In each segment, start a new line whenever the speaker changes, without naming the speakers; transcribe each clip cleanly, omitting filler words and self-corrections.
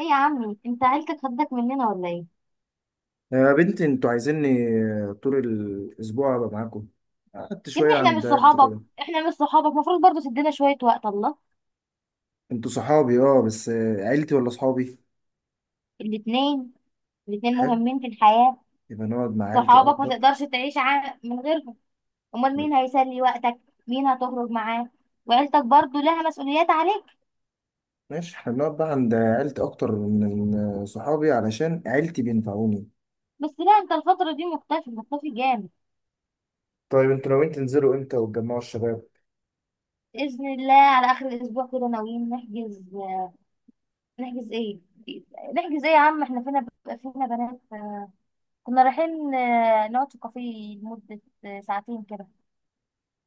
ايه يا عمي، انت عيلتك خدك مننا ولا ايه؟
يا بنتي انتوا عايزيني طول الاسبوع ابقى معاكم. قعدت
يا ابني
شويه
احنا مش
عند عيلتي
صحابك.
كده.
احنا مش صحابك، المفروض برضو تدينا شوية وقت. الله.
انتوا صحابي اه، بس عيلتي ولا صحابي؟
الاتنين الاتنين
حلو،
مهمين في الحياة.
يبقى نقعد مع عيلتي
صحابك ما
اكبر.
تقدرش تعيش من غيرهم. امال مين هيسلي وقتك؟ مين هتخرج معاه؟ وعيلتك برضو لها مسؤوليات عليك.
ماشي، احنا بنقعد بقى عند عيلتي اكتر من صحابي علشان عيلتي بينفعوني.
بس لا، انت الفترة دي مختفي، مختفي جامد.
طيب انتوا ناويين تنزلوا امتى وتجمعوا الشباب؟
بإذن الله على آخر الأسبوع كده ناويين نحجز. نحجز ايه؟ نحجز ايه يا عم، احنا فينا بنات. كنا رايحين نقعد في كافيه لمدة ساعتين كده.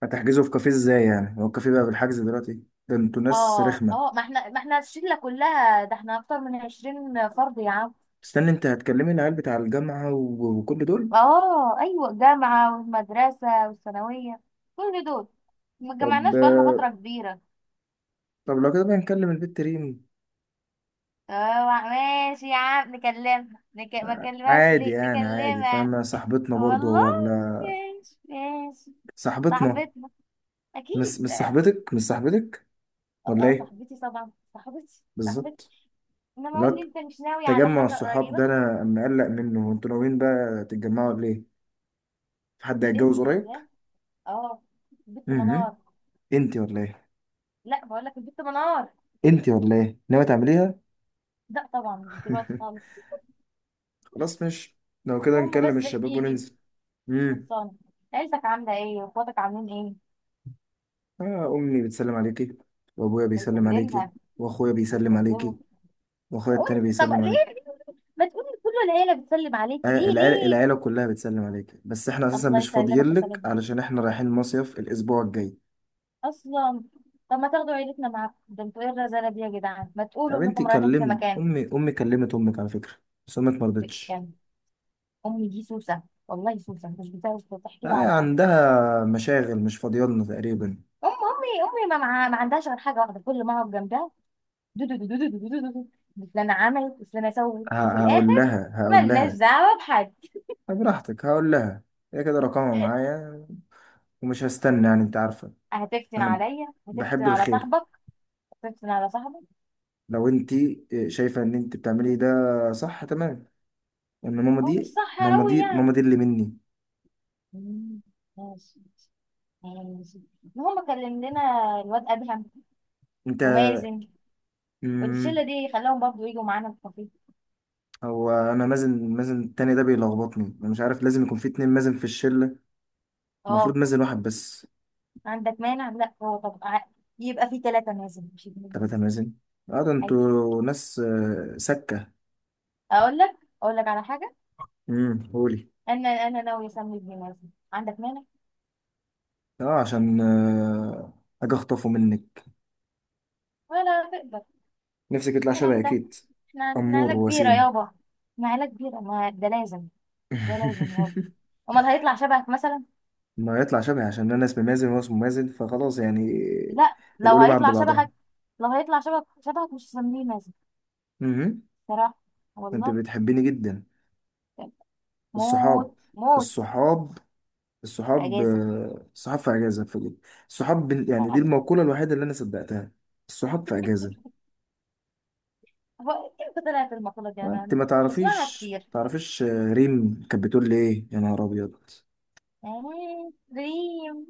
هتحجزوا في كافيه ازاي؟ يعني هو الكافيه بقى بالحجز دلوقتي؟ ده انتوا ناس
اه،
رخمه.
ما احنا الشله كلها، ده احنا اكتر من 20 فرد يا عم.
استنى، انت هتكلمي العيال بتاع الجامعه وكل دول؟
اه ايوه، جامعه والمدرسه والثانويه، كل دول. ما
طب
اتجمعناش بقالنا فتره كبيره.
طب لو كده بقى نكلم البت ريم.
اه ماشي يا عم نكلمها، ما كلمهاش
عادي
ليه؟
يعني، عادي،
نكلمها.
فاهم؟ صاحبتنا
والله.
برضو ولا؟
ماشي ماشي.
صاحبتنا.
صاحبتنا.
مش
اكيد
مش
اه.
صاحبتك، مش صاحبتك ولا ايه؟
صاحبتي طبعا، صاحبتي.
بالظبط.
انما
اللي
اقول
هو
لي، انت مش ناوي على
تجمع
حاجه
الصحاب
قريبه؟
ده انا مقلق منه، انتوا ناويين بقى تتجمعوا ولا ايه؟ في حد هيتجوز
باذن
قريب؟
الله. اه. بنت
امم،
منار.
انتي ولا ايه؟
لا بقول لك البنت منار.
انتي ولا ايه، ناوي تعمليها؟
لا طبعا، مش دلوقتي خالص.
خلاص مش. لو كده
المهم
نكلم
بس
الشباب
احكي لي.
وننزل. امم.
خلصانة. عيلتك عاملة ايه؟ واخواتك عاملين
آه، امي بتسلم عليكي وابويا
ايه؟
بيسلم عليكي
بيسلمها.
واخويا بيسلم
بيسلمها.
عليكي واخويا
قولي
التاني
طب،
بيسلم
ليه
عليكي.
ليه؟ ما تقولي كل العيلة بتسلم عليكي، ليه
العيلة,
ليه؟
العيلة كلها بتسلم عليك، بس احنا اساسا
الله
مش
يسلمك
فاضيين لك
ويسلمها.
علشان احنا رايحين مصيف الاسبوع الجاي.
اصلا. طب ما تاخدوا عيلتنا معاكم، ده انتوا ايه الرزالة دي يا جدعان، ما تقولوا
طب انت
انكم رايحين في
كلمت
مكان.
امي، امي كلمت امك على فكرة، بس امك ما رضتش.
يعني امي دي سوسة. والله سوسة، مش بتعرف تحكي
آه،
لي على حاجة.
عندها مشاغل، مش فاضيالنا تقريبا.
ام امي امي ما, مع- ما عندهاش غير حاجة واحدة، كل ما اقعد جنبها: دو دو دو دو دو دو دو دو دو. فلانة عملت وفلانة سوت، وفي
ه- هقول
الآخر
لها هقول
ملناش
لها
دعوة بحد.
طب براحتك، هقول لها. هي كده رقمها معايا ومش هستنى، يعني انت عارفة
هتفتن
انا
عليا؟ هتفتن
بحب
على
الخير.
صاحبك؟ هتفتن على صاحبك؟
لو انت شايفة ان انت بتعملي ده، صح تمام، ان ماما
هو مش
دي،
صح
ماما
أوي
دي ماما
يعني؟
دي اللي مني.
مم، ماشي. ماشي. المهم كلم لنا الواد أدهم
انت.
ومازن والشلة
مم.
دي، خلاهم برضو يجوا معانا الكافيه.
هو انا مازن التاني ده بيلخبطني، انا مش عارف لازم يكون في اتنين مازن في الشله؟ المفروض
اه
مازن واحد بس.
عندك مانع؟ لا هو طب يبقى في ثلاثة مازن مش اتنين
تلاتة
مازن.
مازن؟ اه ده
أيوة.
انتوا ناس سكه.
أقول لك. أقول لك على حاجة.
امم، قولي.
أنا ناوية أسمي ابني مازن، عندك مانع؟
اه، عشان اجي اخطفه منك.
ولا تقدر.
نفسك يطلع شبهي
الكلام ده.
اكيد.
احنا عيلة
امور
كبيرة
وسيم.
يابا. احنا عيلة كبيرة، ما ده لازم. ده لازم يابا. امال هيطلع شبهك مثلا؟
ما يطلع شبهي عشان انا اسمي مازن وهو اسمه مازن فخلاص يعني،
لا، لو
القلوب عند
هيطلع
بعضها.
شبهك. لو هيطلع شبهك، شبهك مش هسميه مازن.
امم.
صراحة.
انت
والله.
بتحبيني جدا.
موت
الصحاب،
موت.
الصحاب الصحاب
اجازة.
الصحاب في اجازه في دي. الصحاب يعني دي
فعلا.
المقوله الوحيده اللي انا صدقتها. الصحاب في اجازه.
هو امتى طلعت المقولة دي؟ انا
انت
أنا
ما
بسمعها
تعرفيش،
كتير.
تعرفيش ريم كانت بتقول لي ايه يا نهار ابيض.
آه، ريم.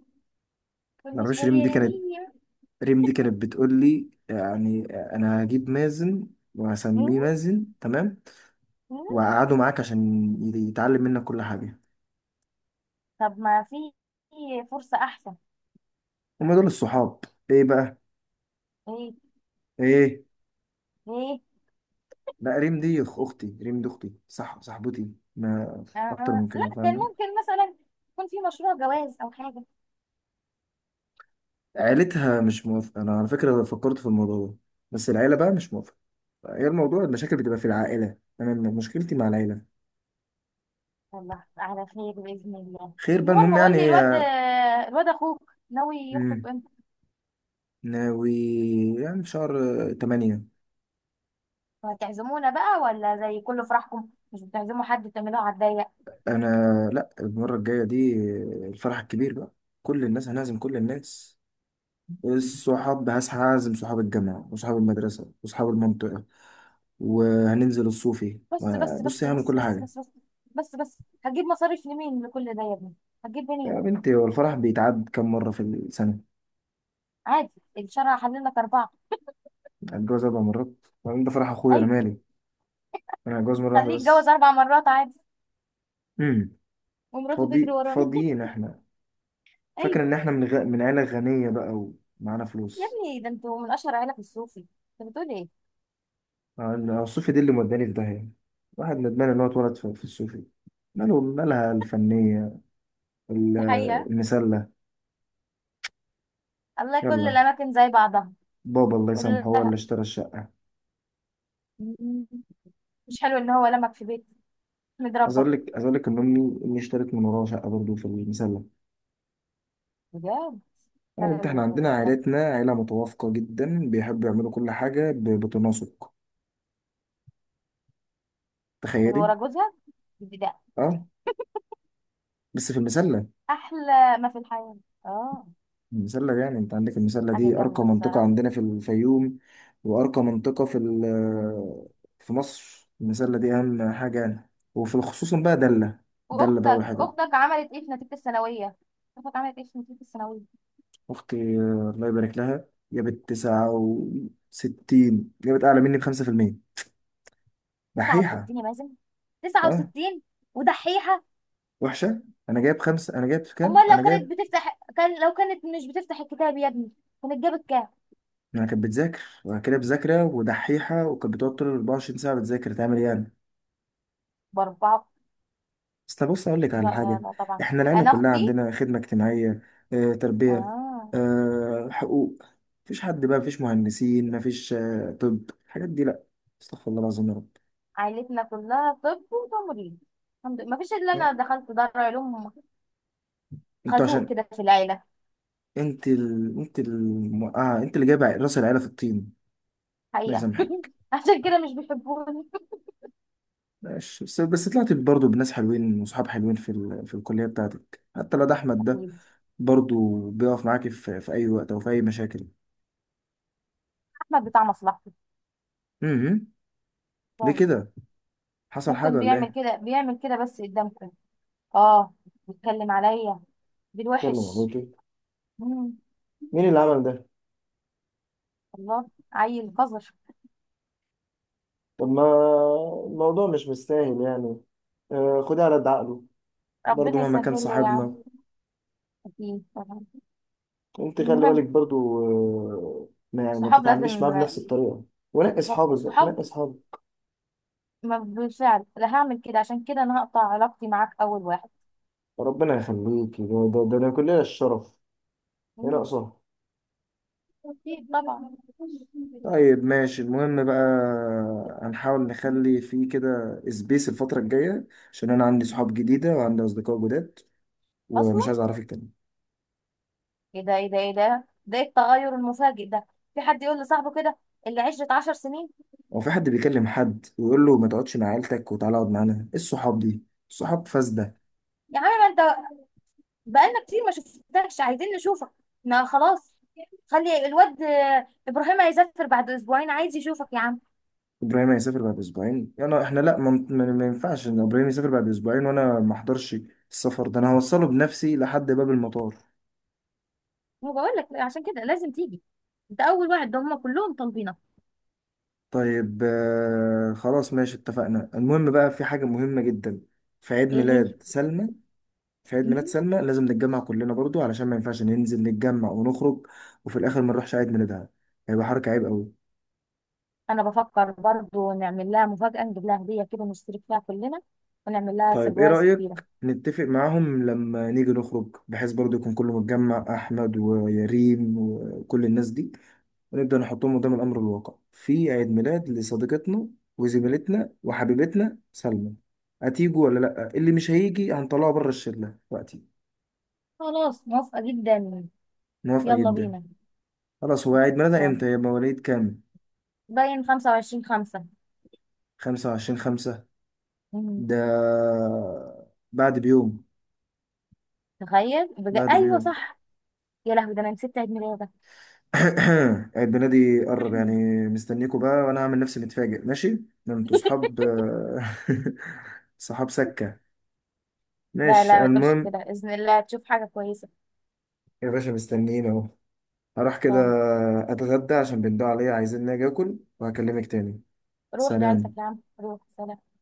ما
كل
تعرفيش ريم دي
شوية
كانت،
ريم.
ريم دي كانت بتقول لي يعني انا هجيب مازن
مم،
وهسميه مازن، تمام؟
مم.
وهقعده معاك عشان يتعلم منك كل حاجه.
طب ما في. فرصة احسن.
هم دول الصحاب. ايه بقى؟
ايه؟
ايه؟
ايه؟
لا ريم دي اختي، ريم دي اختي، صح، صاحبتي ما اكتر
آه.
من كده،
لا كان
فاهم؟
ممكن مثلا يكون في مشروع جواز او حاجة.
عيلتها مش موافقة. أنا على فكرة فكرت في الموضوع ده، بس العيلة بقى مش موافقة. هي الموضوع، المشاكل بتبقى في العائلة، أنا مشكلتي مع العيلة.
يلا على خير بإذن الله.
خير بقى،
المهم
المهم
قول
يعني
لي الواد.
إيه؟
أخوك ناوي يخطب
مم.
امتى؟
ناوي، يعني في شهر تمانية.
هتعزمونا بقى؟ ولا زي كل فرحكم مش بتعزموا حد، تعملوها على الضيق؟
أنا، لأ المرة الجاية دي، الفرح الكبير بقى، كل الناس هنعزم، كل الناس. الصحاب، هسعى أعزم صحاب الجامعة وصحاب المدرسة وصحاب المنطقة، وهننزل الصوفي.
بس بس
بص،
بس
هعمل
بس بس
كل حاجة.
بس بس بس بس. هتجيب مصاريف لمين لكل ده يا ابني؟ هتجيب
يا
منين؟
بنتي هو الفرح بيتعاد كم مرة في السنة؟
عادي. الشرع حلل لك أربعة.
هتجوز أربع مرات؟ وبعدين ده فرح أخويا، أنا
أيوة.
مالي؟ أنا هتجوز مرة واحدة
خليك اتجوز
بس.
4 مرات عادي،
امم.
ومراته تجري
فاضي،
ورانا.
فاضيين إحنا؟ فاكر
أيوة.
إن إحنا من عيلة غنية بقى ومعانا
يا
فلوس؟
ابني ده انتوا من أشهر عيلة في الصوفي، انت بتقول ايه؟
أنا الصوفي دي اللي موداني في داهية. واحد ندمان إن هو اتولد في الصوفي. ماله مالها الفنية؟ ال-
دي حقيقة.
المسلة.
الله، كل
يلا.
الأماكن زي بعضها.
بابا الله يسامحه هو اللي
كلها.
اشترى الشقة.
مش حلو ان هو لمك في بيت،
عايز
متربى؟
أقول لك، عايز أقول لك إن أمي، أمي اشترت من وراها شقة برضه في المسلة.
بجد.
يا بنت إحنا
حلو
عندنا
ده.
عائلتنا عائلة متوافقة جدا، بيحبوا يعملوا كل حاجة بتناسق.
من
تخيلي.
ورا جوزها. دي ده
اه، بس في المسلة.
احلى ما في الحياة. اه.
المسلة يعني، انت عندك المسلة
حاجة
دي
جامدة
ارقى منطقة
الصراحة.
عندنا في الفيوم، وارقى منطقة في ال-
مم.
آه، في مصر. المسلة دي اهم حاجة يعني، وفي الخصوص بقى دلة. دلة بقى
واختك،
والحاجات دي.
عملت ايه في نتيجة الثانوية؟ اختك عملت ايه في نتيجة الثانوية؟
اختي الله يبارك لها، جابت تسعة وستين، جابت اعلى مني بخمسة في المية. دحيحة.
69 يا مازن.
اه،
69. ودحيحة.
وحشة. انا جايب خمسة، انا جايب كام،
امال
انا
لو
جايب.
كانت بتفتح، كان، لو كانت مش بتفتح الكتاب يا ابني، كانت جابت كام؟
انا كانت بتذاكر، وأنا كده بذاكرة، ودحيحة، وكانت بتقعد طول 24 ساعة بتذاكر، تعمل إيه يعني؟
باربعة.
بس بص اقول لك على
لا لا
حاجه.
لا طبعا.
احنا العيله
انا
كلها
اختي،
عندنا خدمه اجتماعيه، اه، تربيه،
اه،
اه، حقوق. مفيش حد بقى، مفيش مهندسين، مفيش، اه طب الحاجات دي لا. استغفر الله العظيم يا رب.
عائلتنا كلها طب وتمريض. الحمد لله مفيش الا انا دخلت دار علوم.
انتوا
خازوق
عشان،
كده في العيله.
اه انت اللي جايب راس العيله في الطين. الله
حقيقه.
يسامحك.
عشان كده مش بيحبوني.
ماشي، بس طلعت برضه بناس حلوين وصحاب حلوين في الكليه بتاعتك. حتى لو ده احمد ده،
اكيد.
برضه بيقف معاكي في اي وقت او في اي مشاكل.
احمد بتاع مصلحته.
امم. ليه
طبعاً.
كده؟ حصل حاجه
ممكن.
ولا
بيعمل
ايه؟
كده بيعمل كده بس قدامكم. اه. بيتكلم عليا بالوحش.
والله.
مم.
مين اللي عمل ده؟
الله، عيل قذر.
طب ما الموضوع مش مستاهل يعني، خدها على قد عقله. برضه
ربنا
مهما كان
يسهل له يا عم.
صاحبنا.
اكيد طبعاً.
انت خلي بالك
المهم.
برضه، ما يعني ما
الصحاب
تتعامليش
لازم.
معاه بنفس الطريقة. ونقي
بالظبط
اصحابك بقى،
الصحاب.
نقي اصحابك.
ما بالفعل لا هعمل كده، عشان كده انا هقطع علاقتي معاك اول واحد.
ربنا يخليك، ده، ده كلنا الشرف. ايه ناقصها؟
أكيد طبعا.
طيب ماشي، المهم بقى هنحاول نخلي فيه كده سبيس الفترة الجاية، عشان أنا عندي صحاب جديدة وعندي أصدقاء جداد،
اصلا.
ومش عايز أعرفك تاني.
ايه ده إيه التغير المفاجئ ده؟ في حد يقول لصاحبه كده؟ اللي 10 سنين.
هو في حد بيكلم حد ويقول له ما تقعدش مع عيلتك وتعالى اقعد معانا؟ ايه الصحاب دي؟ الصحاب فاسده.
يا عم ما انت، بقالنا كتير ما شفتكش، عايزين نشوفك. ما خلاص. خلي الواد ابراهيم هيسافر بعد اسبوعين، عايز يشوفك يا عم.
ابراهيم هيسافر بعد اسبوعين؟ انا، احنا، لا ما ينفعش ان ابراهيم يسافر بعد اسبوعين وانا ما احضرش. السفر ده انا هوصله بنفسي لحد باب المطار.
ما بقول لك عشان كده لازم تيجي. انت اول واحد، ده هم كلهم طالبينك.
طيب آه خلاص ماشي، اتفقنا. المهم بقى، في حاجه مهمه جدا، في عيد
ايه هي؟
ميلاد سلمى. في عيد ميلاد
مم.
سلمى لازم نتجمع كلنا برضو، علشان ما ينفعش ننزل نتجمع ونخرج وفي الاخر ما نروحش عيد ميلادها، هيبقى حركه عيب قوي.
انا بفكر برضو نعمل لها مفاجأة، نجيب لها هدية كده نشترك فيها كلنا، ونعمل لها
طيب ايه
سربرايز كبيرة.
رأيك نتفق معاهم لما نيجي نخرج، بحيث برضو يكون كله متجمع، احمد ويريم وكل الناس دي، ونبدأ نحطهم قدام الامر الواقع في عيد ميلاد لصديقتنا وزميلتنا وحبيبتنا سلمى. هتيجوا ولا لا؟ اللي مش هيجي هنطلعه بره الشلة وقتي.
خلاص موافقة جدا.
موافقة
يلا
جدا.
بينا.
خلاص، هو عيد ميلادها
صون.
امتى، يبقى مواليد كام؟
باين 25/5.
25 5.
مم.
ده بعد بيوم،
تخيل.
بعد
أيوة
بيوم.
صح. يا لهوي، ده أنا نسيت عيد ميلادك.
البنادق دي قرب يعني. مستنيكوا بقى، وانا هعمل نفسي متفاجئ. ماشي، ده انتوا صحاب. صحاب سكة.
لا
ماشي،
لا، ما تقولش
المهم.
كده، بإذن الله تشوف حاجة كويسة.
يا باشا مستنيين اهو. هروح كده
صون.
اتغدى عشان بندوا عليا، عايزين اجي اكل، وهكلمك تاني.
روح لعيلتك يا
سلام.
عم، روح. سلام.